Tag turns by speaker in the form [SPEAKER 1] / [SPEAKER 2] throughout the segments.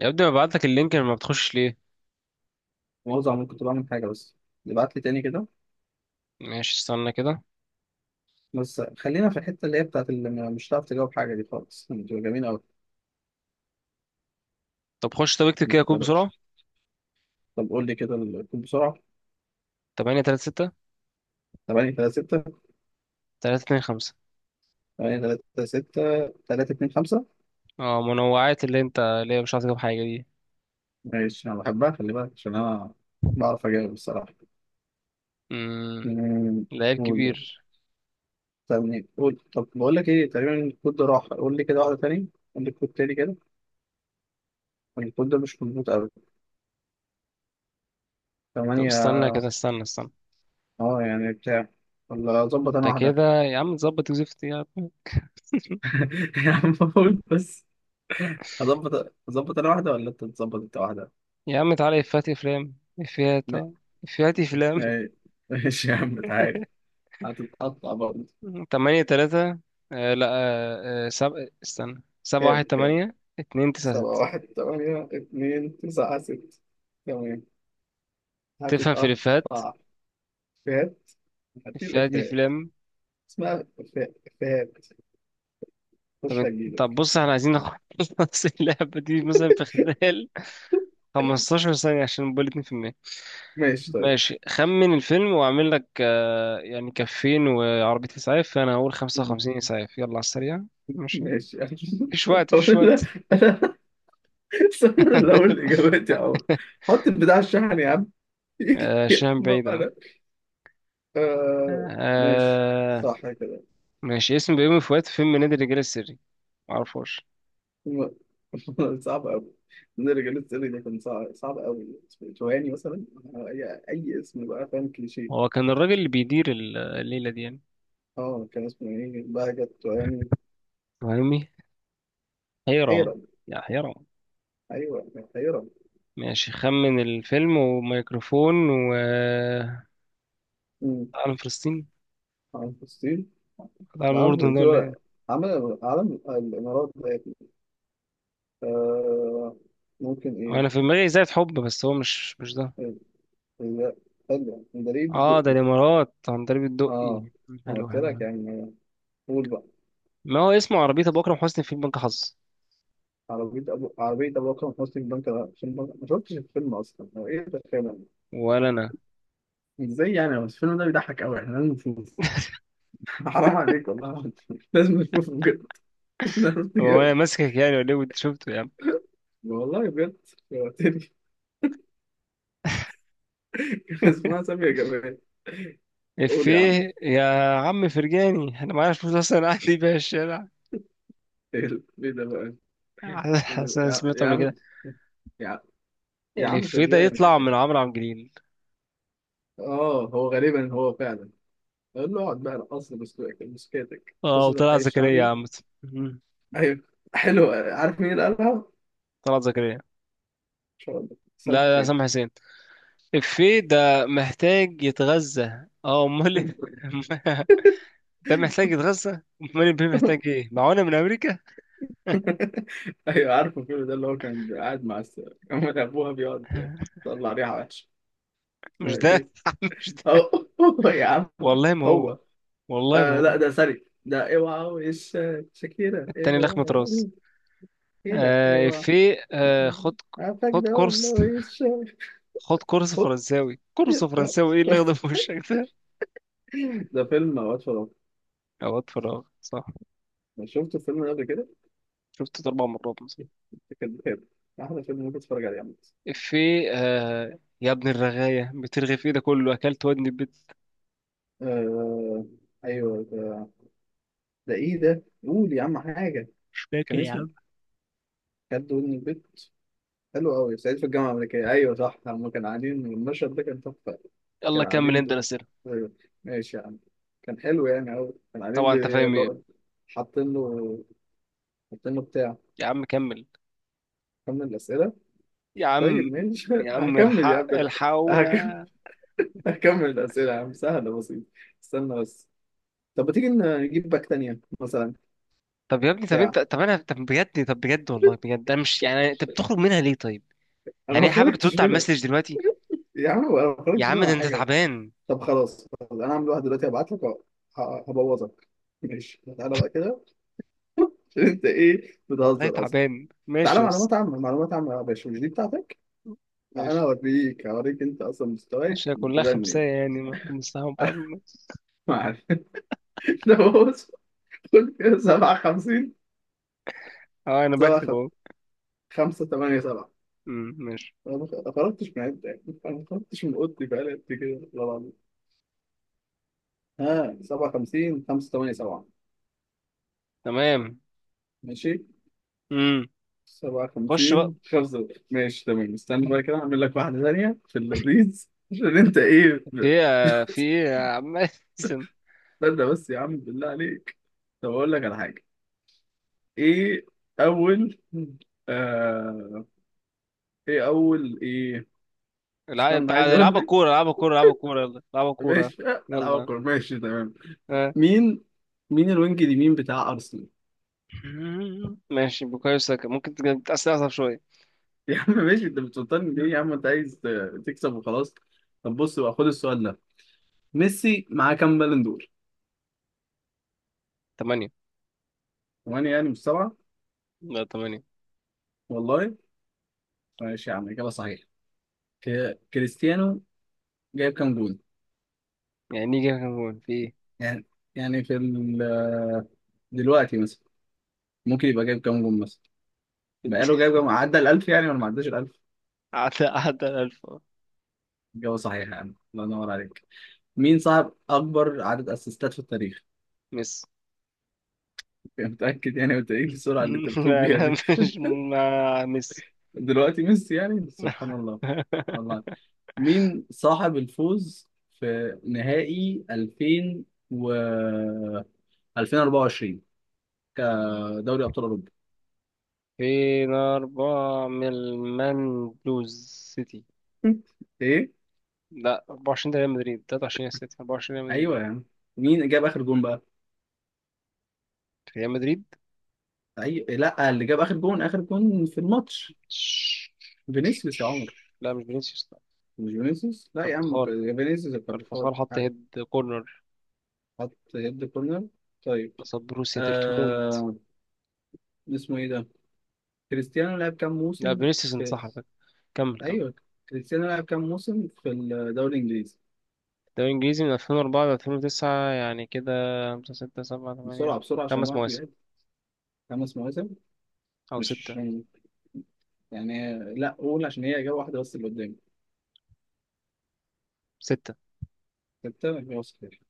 [SPEAKER 1] يا ابني ببعت لك اللينك لما بتخش ليه.
[SPEAKER 2] مؤاخذة، عمال كنت بعمل حاجة بس. ابعت لي تاني كده.
[SPEAKER 1] ماشي، استنى كده.
[SPEAKER 2] بس خلينا في الحتة اللي هي بتاعت اللي مش هتعرف تجاوب حاجة، دي خالص بتبقى جميلة أوي،
[SPEAKER 1] طب خش، طب اكتب كده كود
[SPEAKER 2] بتبقى
[SPEAKER 1] بسرعة.
[SPEAKER 2] دهش. طب قول لي كده الكود بسرعة.
[SPEAKER 1] 8 3 6
[SPEAKER 2] 8 3 6
[SPEAKER 1] 3 2 5.
[SPEAKER 2] 8 3 6 3 2 5.
[SPEAKER 1] اه، منوعات اللي انت اللي هي مش عارف تجيب حاجة دي.
[SPEAKER 2] ماشي، أنا بحبها، خلي بالك عشان أنا بعرف أجاوب الصراحة.
[SPEAKER 1] امم
[SPEAKER 2] أمم،
[SPEAKER 1] ده عيب
[SPEAKER 2] قول.
[SPEAKER 1] كبير.
[SPEAKER 2] طب قول، طب بقول لك إيه تقريبا الكود ده راح. قول لي كده واحدة تاني، قول لي الكود تاني كده، الكود ده مش مظبوط أوي.
[SPEAKER 1] طب
[SPEAKER 2] 8.
[SPEAKER 1] استنى كده، استنى.
[SPEAKER 2] يعني بتاع، ولا أظبط أنا
[SPEAKER 1] انت
[SPEAKER 2] واحدة؟
[SPEAKER 1] كده يا عم تظبط وزفت يا عم.
[SPEAKER 2] يا عم قول بس. هظبط انا واحده ولا انت تظبط انت واحده؟
[SPEAKER 1] يا عم تعالى، افات افلام، افيات
[SPEAKER 2] ما-
[SPEAKER 1] اه. افيات افلام.
[SPEAKER 2] ما- ماشي يا عم تعالى، هتتقطع برضه.
[SPEAKER 1] 8 3. آه لا آه آه، سب... استنى، 7
[SPEAKER 2] كام؟
[SPEAKER 1] 1
[SPEAKER 2] كام؟
[SPEAKER 1] 8 2 9
[SPEAKER 2] سبعة،
[SPEAKER 1] 6.
[SPEAKER 2] واحد، تمانية، اتنين، تسعة، ست. تمام،
[SPEAKER 1] تفهم في
[SPEAKER 2] هتتقطع.
[SPEAKER 1] الافيهات؟
[SPEAKER 2] فات. هديل
[SPEAKER 1] افيهات
[SPEAKER 2] إفيهات،
[SPEAKER 1] افلام.
[SPEAKER 2] اسمها إفيهات. خش
[SPEAKER 1] طب
[SPEAKER 2] هجيلك.
[SPEAKER 1] بص، احنا عايزين نخلص اللعبة دي مثلا في خلال 15 ثانية عشان نبقى 2%.
[SPEAKER 2] ماشي طيب.
[SPEAKER 1] ماشي، خمن الفيلم واعمل لك يعني كفين وعربية اسعاف، فانا هقول
[SPEAKER 2] مم.
[SPEAKER 1] 55 اسعاف، يلا على السريع. ماشي،
[SPEAKER 2] ماشي يعني
[SPEAKER 1] مفيش وقت
[SPEAKER 2] طب
[SPEAKER 1] مفيش
[SPEAKER 2] انا
[SPEAKER 1] وقت
[SPEAKER 2] انا استنى، أنا اللي اقول الاجابات يا عم. حط البتاع على الشحن يا عم
[SPEAKER 1] شام
[SPEAKER 2] ما
[SPEAKER 1] بعيد اهو.
[SPEAKER 2] أنا آه، ماشي
[SPEAKER 1] آه،
[SPEAKER 2] صح كده.
[SPEAKER 1] ماشي. اسم بيومي فؤاد في فيلم نادي الرجال السري، معرفوش.
[SPEAKER 2] م- صعب أوي. نرجع للسؤال ده، كان صعب، صعب أوي، اسمه توهاني مثلا. أي اسم بقى، فاهم، كليشيه.
[SPEAKER 1] هو كان الراجل اللي بيدير الليلة دي يعني،
[SPEAKER 2] اه كان اسمه إيه، بهجت توهاني.
[SPEAKER 1] فاهمني؟ حيرام.
[SPEAKER 2] حيرة.
[SPEAKER 1] يا حيرام.
[SPEAKER 2] أيوه كان حيرة.
[SPEAKER 1] ماشي، خمن الفيلم، وميكروفون و
[SPEAKER 2] أمم،
[SPEAKER 1] عالم فلسطين.
[SPEAKER 2] عن فلسطين.
[SPEAKER 1] عالم
[SPEAKER 2] ده عن
[SPEAKER 1] الأردن ده
[SPEAKER 2] فلسطين
[SPEAKER 1] ولا
[SPEAKER 2] ولا؟
[SPEAKER 1] ايه؟
[SPEAKER 2] عمل علم الإمارات ده يا ابني. آه. ممكن
[SPEAKER 1] هو انا في
[SPEAKER 2] إيه؟
[SPEAKER 1] دماغي زي حب، بس هو مش ده.
[SPEAKER 2] إيه، إيه، حلو مدريد
[SPEAKER 1] اه ده
[SPEAKER 2] الدقي.
[SPEAKER 1] الامارات، عندليب
[SPEAKER 2] اه،
[SPEAKER 1] الدقي.
[SPEAKER 2] أنا
[SPEAKER 1] حلو حلو
[SPEAKER 2] قلت لك
[SPEAKER 1] حلو.
[SPEAKER 2] يعني. قول بقى.
[SPEAKER 1] ما هو اسمه، عربية ابو اكرم حسني في بنك حظ.
[SPEAKER 2] عربية أبو أكرم حسني في بنك الفيلم. ما شفتش الفيلم أصلا، هو إيه ده فعلا؟
[SPEAKER 1] ولا انا.
[SPEAKER 2] إزاي يعني، بس الفيلم ده بيضحك أوي، إحنا لازم نشوف حرام عليك، والله العظيم. لازم نشوفه بجد مش هنعرف
[SPEAKER 1] هو
[SPEAKER 2] نجاوب.
[SPEAKER 1] انا ماسكك يعني ولا ايه، وانت شفته يا عم؟
[SPEAKER 2] والله بجد، شوقتني كان اسمها سامية جمال. قول يا عم.
[SPEAKER 1] افيه. يا عم فرجاني، انا معايا فلوس اصلا قاعد دي بيها الشارع.
[SPEAKER 2] إيه ده بقى؟
[SPEAKER 1] حاسس أنا
[SPEAKER 2] يا
[SPEAKER 1] سمعته
[SPEAKER 2] يا
[SPEAKER 1] قبل كده.
[SPEAKER 2] عم، يا يا عم
[SPEAKER 1] الافيه ده يطلع
[SPEAKER 2] فرجاني.
[SPEAKER 1] من عمرو عبد الجليل.
[SPEAKER 2] آه، هو غالبا هو فعلا. قول له اقعد بقى، رقص لي بسكوتك بسكوتك،
[SPEAKER 1] اه
[SPEAKER 2] قصة
[SPEAKER 1] وطلع
[SPEAKER 2] الحي
[SPEAKER 1] زكريا يا
[SPEAKER 2] الشعبي.
[SPEAKER 1] عم. مم.
[SPEAKER 2] أيوه. حلو، عارف مين اللي قالها؟ إن
[SPEAKER 1] طلعت زكريا.
[SPEAKER 2] شاء الله سامح
[SPEAKER 1] لا،
[SPEAKER 2] حسين.
[SPEAKER 1] سامح حسين. الفيه ده محتاج يتغذى، اه امال إيه؟ ده محتاج يتغذى. امال البيه محتاج ايه، معونه من امريكا؟
[SPEAKER 2] ايوه، عارفه الفيلم ده، اللي هو كان قاعد مع كان ابوها بيقعد يطلع ريحه وحشه.
[SPEAKER 1] مش
[SPEAKER 2] ايه؟
[SPEAKER 1] ده مش ده.
[SPEAKER 2] هو هو يا عم
[SPEAKER 1] والله ما هو.
[SPEAKER 2] هو.
[SPEAKER 1] والله ما
[SPEAKER 2] آه لا،
[SPEAKER 1] هو.
[SPEAKER 2] ده سري، ده اوعى وش، شاكيرا
[SPEAKER 1] التاني لخمة
[SPEAKER 2] اوعى،
[SPEAKER 1] راس.
[SPEAKER 2] شاكيرا اوعى.
[SPEAKER 1] في خد،
[SPEAKER 2] عارفك
[SPEAKER 1] خد
[SPEAKER 2] ده والله،
[SPEAKER 1] كورس،
[SPEAKER 2] وش.
[SPEAKER 1] خد كورس
[SPEAKER 2] هوب.
[SPEAKER 1] فرنساوي، كورس فرنساوي ايه اللي اخده في وشك ده؟
[SPEAKER 2] ده فيلم اوقات فراغ.
[SPEAKER 1] اوقات فراغ، صح.
[SPEAKER 2] أنا شفت الفيلم ده قبل كده؟
[SPEAKER 1] شفته اربع مرات مثلا.
[SPEAKER 2] كان بخير. احلى فيلم ممكن تتفرج عليه عامة.
[SPEAKER 1] في يا ابن الرغاية، بترغي في ايه ده كله، اكلت ودني البيت.
[SPEAKER 2] آه. ايوه، ده ايه ده؟ قول يا عم حاجة.
[SPEAKER 1] مش فاكر
[SPEAKER 2] كان
[SPEAKER 1] يا
[SPEAKER 2] اسمه
[SPEAKER 1] عم.
[SPEAKER 2] كان ودن البيت. حلو قوي سعيد في الجامعة الأمريكية، أيوة صح، هما كانوا قاعدين، المشهد ده كان تحفة.
[SPEAKER 1] يلا
[SPEAKER 2] كانوا
[SPEAKER 1] كمل
[SPEAKER 2] قاعدين
[SPEAKER 1] انت
[SPEAKER 2] ده.
[SPEAKER 1] الاسئله.
[SPEAKER 2] أيوة. ماشي يا عم، كان حلو يعني أوي. كانوا قاعدين
[SPEAKER 1] طبعا انت فاهم ايه.
[SPEAKER 2] حاطين له حاطين له بتاع.
[SPEAKER 1] يا عم كمل.
[SPEAKER 2] كمل الأسئلة.
[SPEAKER 1] يا
[SPEAKER 2] طيب
[SPEAKER 1] عم،
[SPEAKER 2] ماشي
[SPEAKER 1] يا عم
[SPEAKER 2] هكمل يا
[SPEAKER 1] الحق
[SPEAKER 2] عم أنا. هكمل
[SPEAKER 1] الحقونا.
[SPEAKER 2] هكمل الأسئلة يا عم، سهلة بسيطة. استنى بس، طب ما تيجي نجيب باك تانية مثلا،
[SPEAKER 1] طب يا ابني، طب
[SPEAKER 2] بتاع.
[SPEAKER 1] انت، طب انا، طب بجد، طب بجد، والله بجد انا مش، يعني انت بتخرج منها ليه طيب؟
[SPEAKER 2] أنا
[SPEAKER 1] يعني
[SPEAKER 2] ما
[SPEAKER 1] ايه، حابب
[SPEAKER 2] خرجتش
[SPEAKER 1] ترد على
[SPEAKER 2] منها
[SPEAKER 1] المسج دلوقتي؟
[SPEAKER 2] يا عم أنا ما
[SPEAKER 1] يا
[SPEAKER 2] خرجتش
[SPEAKER 1] عم ده
[SPEAKER 2] منها
[SPEAKER 1] انت
[SPEAKER 2] حاجة.
[SPEAKER 1] تعبان.
[SPEAKER 2] طب خلاص، انا هعمل واحد دلوقتي، هبعت لك هبوظك. ماشي، تعالى بقى كده عشان انت ايه،
[SPEAKER 1] لا
[SPEAKER 2] بتهزر اصلا.
[SPEAKER 1] تعبان،
[SPEAKER 2] تعالى
[SPEAKER 1] ماشي يس.
[SPEAKER 2] معلومات عامة، معلومات عامة يا باشا، مش دي بتاعتك. انا
[SPEAKER 1] ماشي.
[SPEAKER 2] هوريك، انت اصلا
[SPEAKER 1] ماشي،
[SPEAKER 2] مستواك
[SPEAKER 1] هي كلها
[SPEAKER 2] بتدني
[SPEAKER 1] خمسة،
[SPEAKER 2] ايه.
[SPEAKER 1] يعني ما بنستحمل بعض الناس.
[SPEAKER 2] معلش. ده بص، خد كده. 57،
[SPEAKER 1] اه انا بكتب
[SPEAKER 2] 7،
[SPEAKER 1] اهو.
[SPEAKER 2] 5، 8، 7.
[SPEAKER 1] ماشي،
[SPEAKER 2] انا ما خرجتش من عدة يعني، انا ما خرجتش من اوضتي بقالي قد كده، والله العظيم. ها، 57، 5، 8، 7.
[SPEAKER 1] تمام.
[SPEAKER 2] ماشي.
[SPEAKER 1] امم خش بقى.
[SPEAKER 2] 57، خمسة. ماشي تمام، استنى بقى كده، اعمل لك واحدة تانية في اللذيذ عشان انت ايه
[SPEAKER 1] في ايه، في ايه يا عم؟ اسم.
[SPEAKER 2] استنى بس يا عم بالله عليك، طب اقول لك على حاجة. ايه؟ اول آه... ايه، اول ايه؟
[SPEAKER 1] العب
[SPEAKER 2] استنى عايز
[SPEAKER 1] العب،
[SPEAKER 2] اقول
[SPEAKER 1] العبوا
[SPEAKER 2] لك.
[SPEAKER 1] كورة، العبوا كورة، العبوا كورة، يلا العبوا كورة.
[SPEAKER 2] ماشي العب
[SPEAKER 1] يلا.
[SPEAKER 2] الكورة، ماشي تمام.
[SPEAKER 1] آه.
[SPEAKER 2] مين مين الوينج اليمين بتاع ارسنال؟
[SPEAKER 1] ماشي بوكايو ساكا، ممكن تأثر أصعب شوية.
[SPEAKER 2] يا عم ماشي، انت بتفطرني ليه يا عم، انت عايز تكسب وخلاص. طب بص بقى، خد السؤال ده. ميسي معاه كام بالون دور؟
[SPEAKER 1] تمانية.
[SPEAKER 2] ثمانية، يعني مش سبعة؟
[SPEAKER 1] لا تمانية.
[SPEAKER 2] والله. ماشي يا عم، إجابة صحيحة. كريستيانو جايب كام جول؟
[SPEAKER 1] يعني نيجي كان جول في إيه؟
[SPEAKER 2] يعني يعني دلوقتي مثلا، ممكن يبقى جايب كام جول مثلا؟ بقاله جايب كام، عدى ال 1000 يعني ولا ما عداش ال 1000؟
[SPEAKER 1] عدى الألف أه.
[SPEAKER 2] إجابة صحيحة يا عم، الله ينور عليك. مين صاحب أكبر عدد أسيستات في التاريخ؟
[SPEAKER 1] ميسي.
[SPEAKER 2] متأكد يعني؟ وأنت إيه السرعة اللي أنت بتقول
[SPEAKER 1] لا
[SPEAKER 2] بيها
[SPEAKER 1] أنا
[SPEAKER 2] دي؟
[SPEAKER 1] مش مع ميسي.
[SPEAKER 2] دلوقتي ميسي يعني، سبحان الله، الله. مين صاحب الفوز في نهائي 2000 و 2024 كدوري أبطال أوروبا؟
[SPEAKER 1] فين أربعة من المان بلوز سيتي.
[SPEAKER 2] ايه؟
[SPEAKER 1] لا 24 ده ريال مدريد، 23 سيتي، 24 ريال مدريد
[SPEAKER 2] ايوه
[SPEAKER 1] أه.
[SPEAKER 2] يا عم. مين جاب اخر جون بقى؟
[SPEAKER 1] ريال مدريد.
[SPEAKER 2] ايوه لا، اللي جاب اخر جون، في الماتش، فينيسيوس يا عمر.
[SPEAKER 1] لا مش فينيسيوس لا.
[SPEAKER 2] مش فينيسيوس لا يا عم،
[SPEAKER 1] كارفخال.
[SPEAKER 2] فينيسيوس، الكارفات،
[SPEAKER 1] كارفخال حط هيد كورنر
[SPEAKER 2] حط هيد كورنر. طيب.
[SPEAKER 1] قصاد بروسيا دورتموند.
[SPEAKER 2] آه... اسمه ايه ده، كريستيانو لعب كام
[SPEAKER 1] لا
[SPEAKER 2] موسم
[SPEAKER 1] فينيسيوس، انت
[SPEAKER 2] في،
[SPEAKER 1] صح على فكرة. كمل.
[SPEAKER 2] ايوه، كريستيانو لعب كام موسم في الدوري الانجليزي؟
[SPEAKER 1] الدوري الإنجليزي من 2004 ل 2009 يعني كده، خمسة ستة سبعة تمانية.
[SPEAKER 2] بسرعه بسرعه، عشان
[SPEAKER 1] خمس
[SPEAKER 2] الوقت
[SPEAKER 1] مواسم،
[SPEAKER 2] بيعد. خمس مواسم،
[SPEAKER 1] أو
[SPEAKER 2] مش
[SPEAKER 1] ستة.
[SPEAKER 2] عشان يعني لا، قول عشان هي اجابه واحده بس اللي قدامي.
[SPEAKER 1] ستة.
[SPEAKER 2] ستة يبقى خير.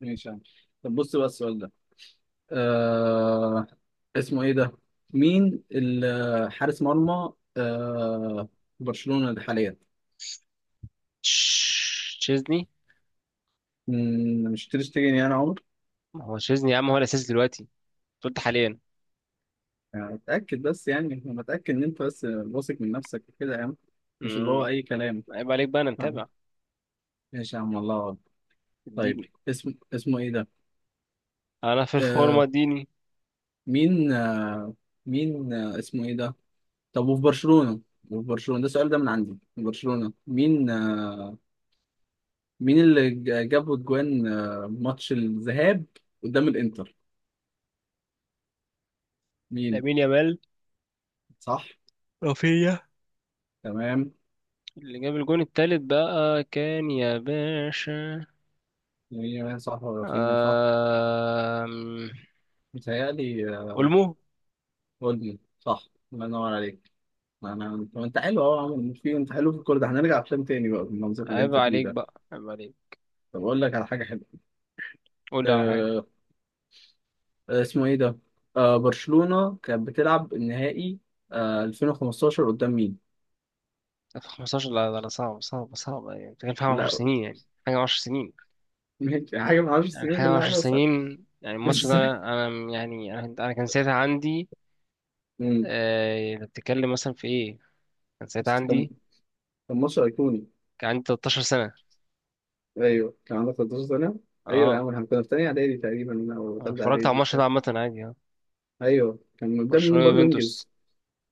[SPEAKER 2] ماشي يا عم. طب بص بقى السؤال ده، آه. اسمه ايه ده، مين حارس مرمى برشلونة ده حاليا؟
[SPEAKER 1] تشيزني.
[SPEAKER 2] مم، مش تير شتيجن يعني يا عمر؟
[SPEAKER 1] ما هو تشيزني يا عم، هو الأساس دلوقتي، أنت قلت حاليا.
[SPEAKER 2] يعني اتاكد بس، يعني انا متاكد ان انت بس واثق من نفسك كده يا عم، مش اللي
[SPEAKER 1] امم
[SPEAKER 2] هو اي كلام.
[SPEAKER 1] عيب عليك بقى، أنا
[SPEAKER 2] فاهم؟
[SPEAKER 1] متابع.
[SPEAKER 2] ماشي يا عم، الله أكبر. طيب
[SPEAKER 1] اديني،
[SPEAKER 2] اسمه ايه ده؟
[SPEAKER 1] أنا في الفورمة
[SPEAKER 2] آه
[SPEAKER 1] اديني.
[SPEAKER 2] مين آه مين آه اسمه ايه ده؟ طب وفي برشلونة ده السؤال، ده من عندي. في برشلونة مين اللي جابوا الجوان؟ ماتش الذهاب قدام الانتر، مين؟
[SPEAKER 1] لامين يامال.
[SPEAKER 2] صح.
[SPEAKER 1] رافينيا.
[SPEAKER 2] تمام.
[SPEAKER 1] اللي جاب الجون التالت بقى كان يا باشا،
[SPEAKER 2] مين صح ولا رافينيا صح؟
[SPEAKER 1] آم...
[SPEAKER 2] متهيألي
[SPEAKER 1] أولمو.
[SPEAKER 2] قولي صح. الله ينور عليك. انا طب، انت حلو اهو يا عم، مش في، انت حلو في الكوره ده، هنرجع افلام تاني بقى بالمنظر اللي
[SPEAKER 1] عيب
[SPEAKER 2] انت فيه
[SPEAKER 1] عليك
[SPEAKER 2] ده.
[SPEAKER 1] بقى، عيب عليك.
[SPEAKER 2] طب اقول لك على حاجه حلوه.
[SPEAKER 1] قول لي على حاجة.
[SPEAKER 2] أه. اسمه ايه ده؟ برشلونه كانت بتلعب النهائي 2015 قدام مين؟
[SPEAKER 1] في 15، لا، صعب يعني بتتكلم في حاجة 10
[SPEAKER 2] لا
[SPEAKER 1] سنين يعني، حاجة 10 سنين،
[SPEAKER 2] ماشي حاجه، ما اعرفش
[SPEAKER 1] يعني
[SPEAKER 2] السنين
[SPEAKER 1] حاجة
[SPEAKER 2] كل
[SPEAKER 1] 10
[SPEAKER 2] حاجه بس.
[SPEAKER 1] سنين. يعني الماتش
[SPEAKER 2] بس
[SPEAKER 1] ده أنا، يعني أنا كان ساعتها عندي،
[SPEAKER 2] مم.
[SPEAKER 1] أنت بتتكلم مثلا في إيه؟ كان ساعتها
[SPEAKER 2] بس
[SPEAKER 1] عندي،
[SPEAKER 2] كان ماتش أيقوني.
[SPEAKER 1] كان عندي 13 سنة.
[SPEAKER 2] ايوه، كان عندك 13 سنه. ايوه يا
[SPEAKER 1] أه.
[SPEAKER 2] عم، احنا كنا في تانية اعدادي تقريبا، او
[SPEAKER 1] أنا
[SPEAKER 2] تالتة
[SPEAKER 1] اتفرجت على
[SPEAKER 2] اعدادي
[SPEAKER 1] الماتش
[SPEAKER 2] بتاع.
[SPEAKER 1] ده عامة عادي أه.
[SPEAKER 2] ايوه، كان قدام مين
[SPEAKER 1] برشلونة
[SPEAKER 2] برضه
[SPEAKER 1] يوفنتوس.
[SPEAKER 2] انجز؟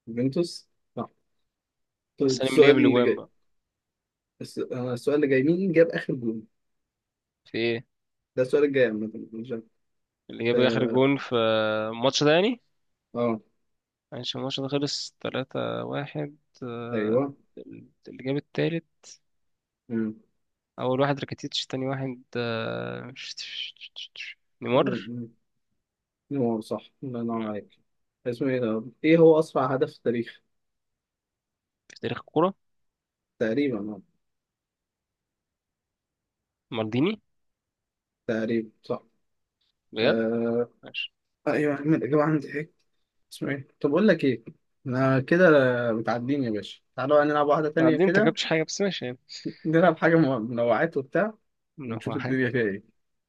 [SPEAKER 2] يوفنتوس. صح. طيب
[SPEAKER 1] بس أنا مين اللي
[SPEAKER 2] السؤال
[SPEAKER 1] جاب
[SPEAKER 2] اللي
[SPEAKER 1] الأجوان
[SPEAKER 2] جاي،
[SPEAKER 1] بقى
[SPEAKER 2] السؤال اللي جاي، مين جاب اخر جول؟
[SPEAKER 1] في إيه؟
[SPEAKER 2] ده السؤال الجاي، عامه مش عارف.
[SPEAKER 1] اللي
[SPEAKER 2] ف-
[SPEAKER 1] جاب آخر جون في الماتش ده يعني؟
[SPEAKER 2] اه
[SPEAKER 1] معلش الماتش ده خلص 3-1. آه،
[SPEAKER 2] ايوه.
[SPEAKER 1] اللي جاب التالت،
[SPEAKER 2] مم.
[SPEAKER 1] اول واحد راكيتيتش، تاني واحد نيمار.
[SPEAKER 2] مم. مم. هو صح، الله
[SPEAKER 1] مم.
[SPEAKER 2] ينور عليك. اسمه ايه ده، ايه هو اسرع هدف في التاريخ
[SPEAKER 1] في تاريخ الكوره،
[SPEAKER 2] تقريبا؟ آه.
[SPEAKER 1] مالديني.
[SPEAKER 2] تقريبا صح.
[SPEAKER 1] بجد.
[SPEAKER 2] آه.
[SPEAKER 1] ماشي.
[SPEAKER 2] ايوه يا عم الاجابه عندي. اسمه ايه، طب اقول لك ايه، انا كده متعدين يا باشا. تعالوا بقى نلعب واحده
[SPEAKER 1] انت
[SPEAKER 2] تانية
[SPEAKER 1] عدين انت
[SPEAKER 2] كده،
[SPEAKER 1] جبتش حاجه بس، ماشي يعني.
[SPEAKER 2] نلعب حاجه منوعات وبتاع،
[SPEAKER 1] إنه
[SPEAKER 2] ونشوف
[SPEAKER 1] هو حاجة.
[SPEAKER 2] الدنيا فيها ايه.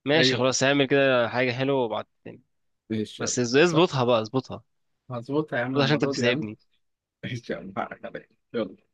[SPEAKER 1] ماشي
[SPEAKER 2] ايوه.
[SPEAKER 1] خلاص، هعمل كده حاجه حلوه وبعد تاني.
[SPEAKER 2] ماشي
[SPEAKER 1] بس
[SPEAKER 2] يلا. طب
[SPEAKER 1] اظبطها بقى، اظبطها.
[SPEAKER 2] هظبطها يا عم
[SPEAKER 1] اظبطها عشان انت
[SPEAKER 2] المره دي يا عم
[SPEAKER 1] بتساعدني.
[SPEAKER 2] ماشي يا عم، حقك عليا. يلا.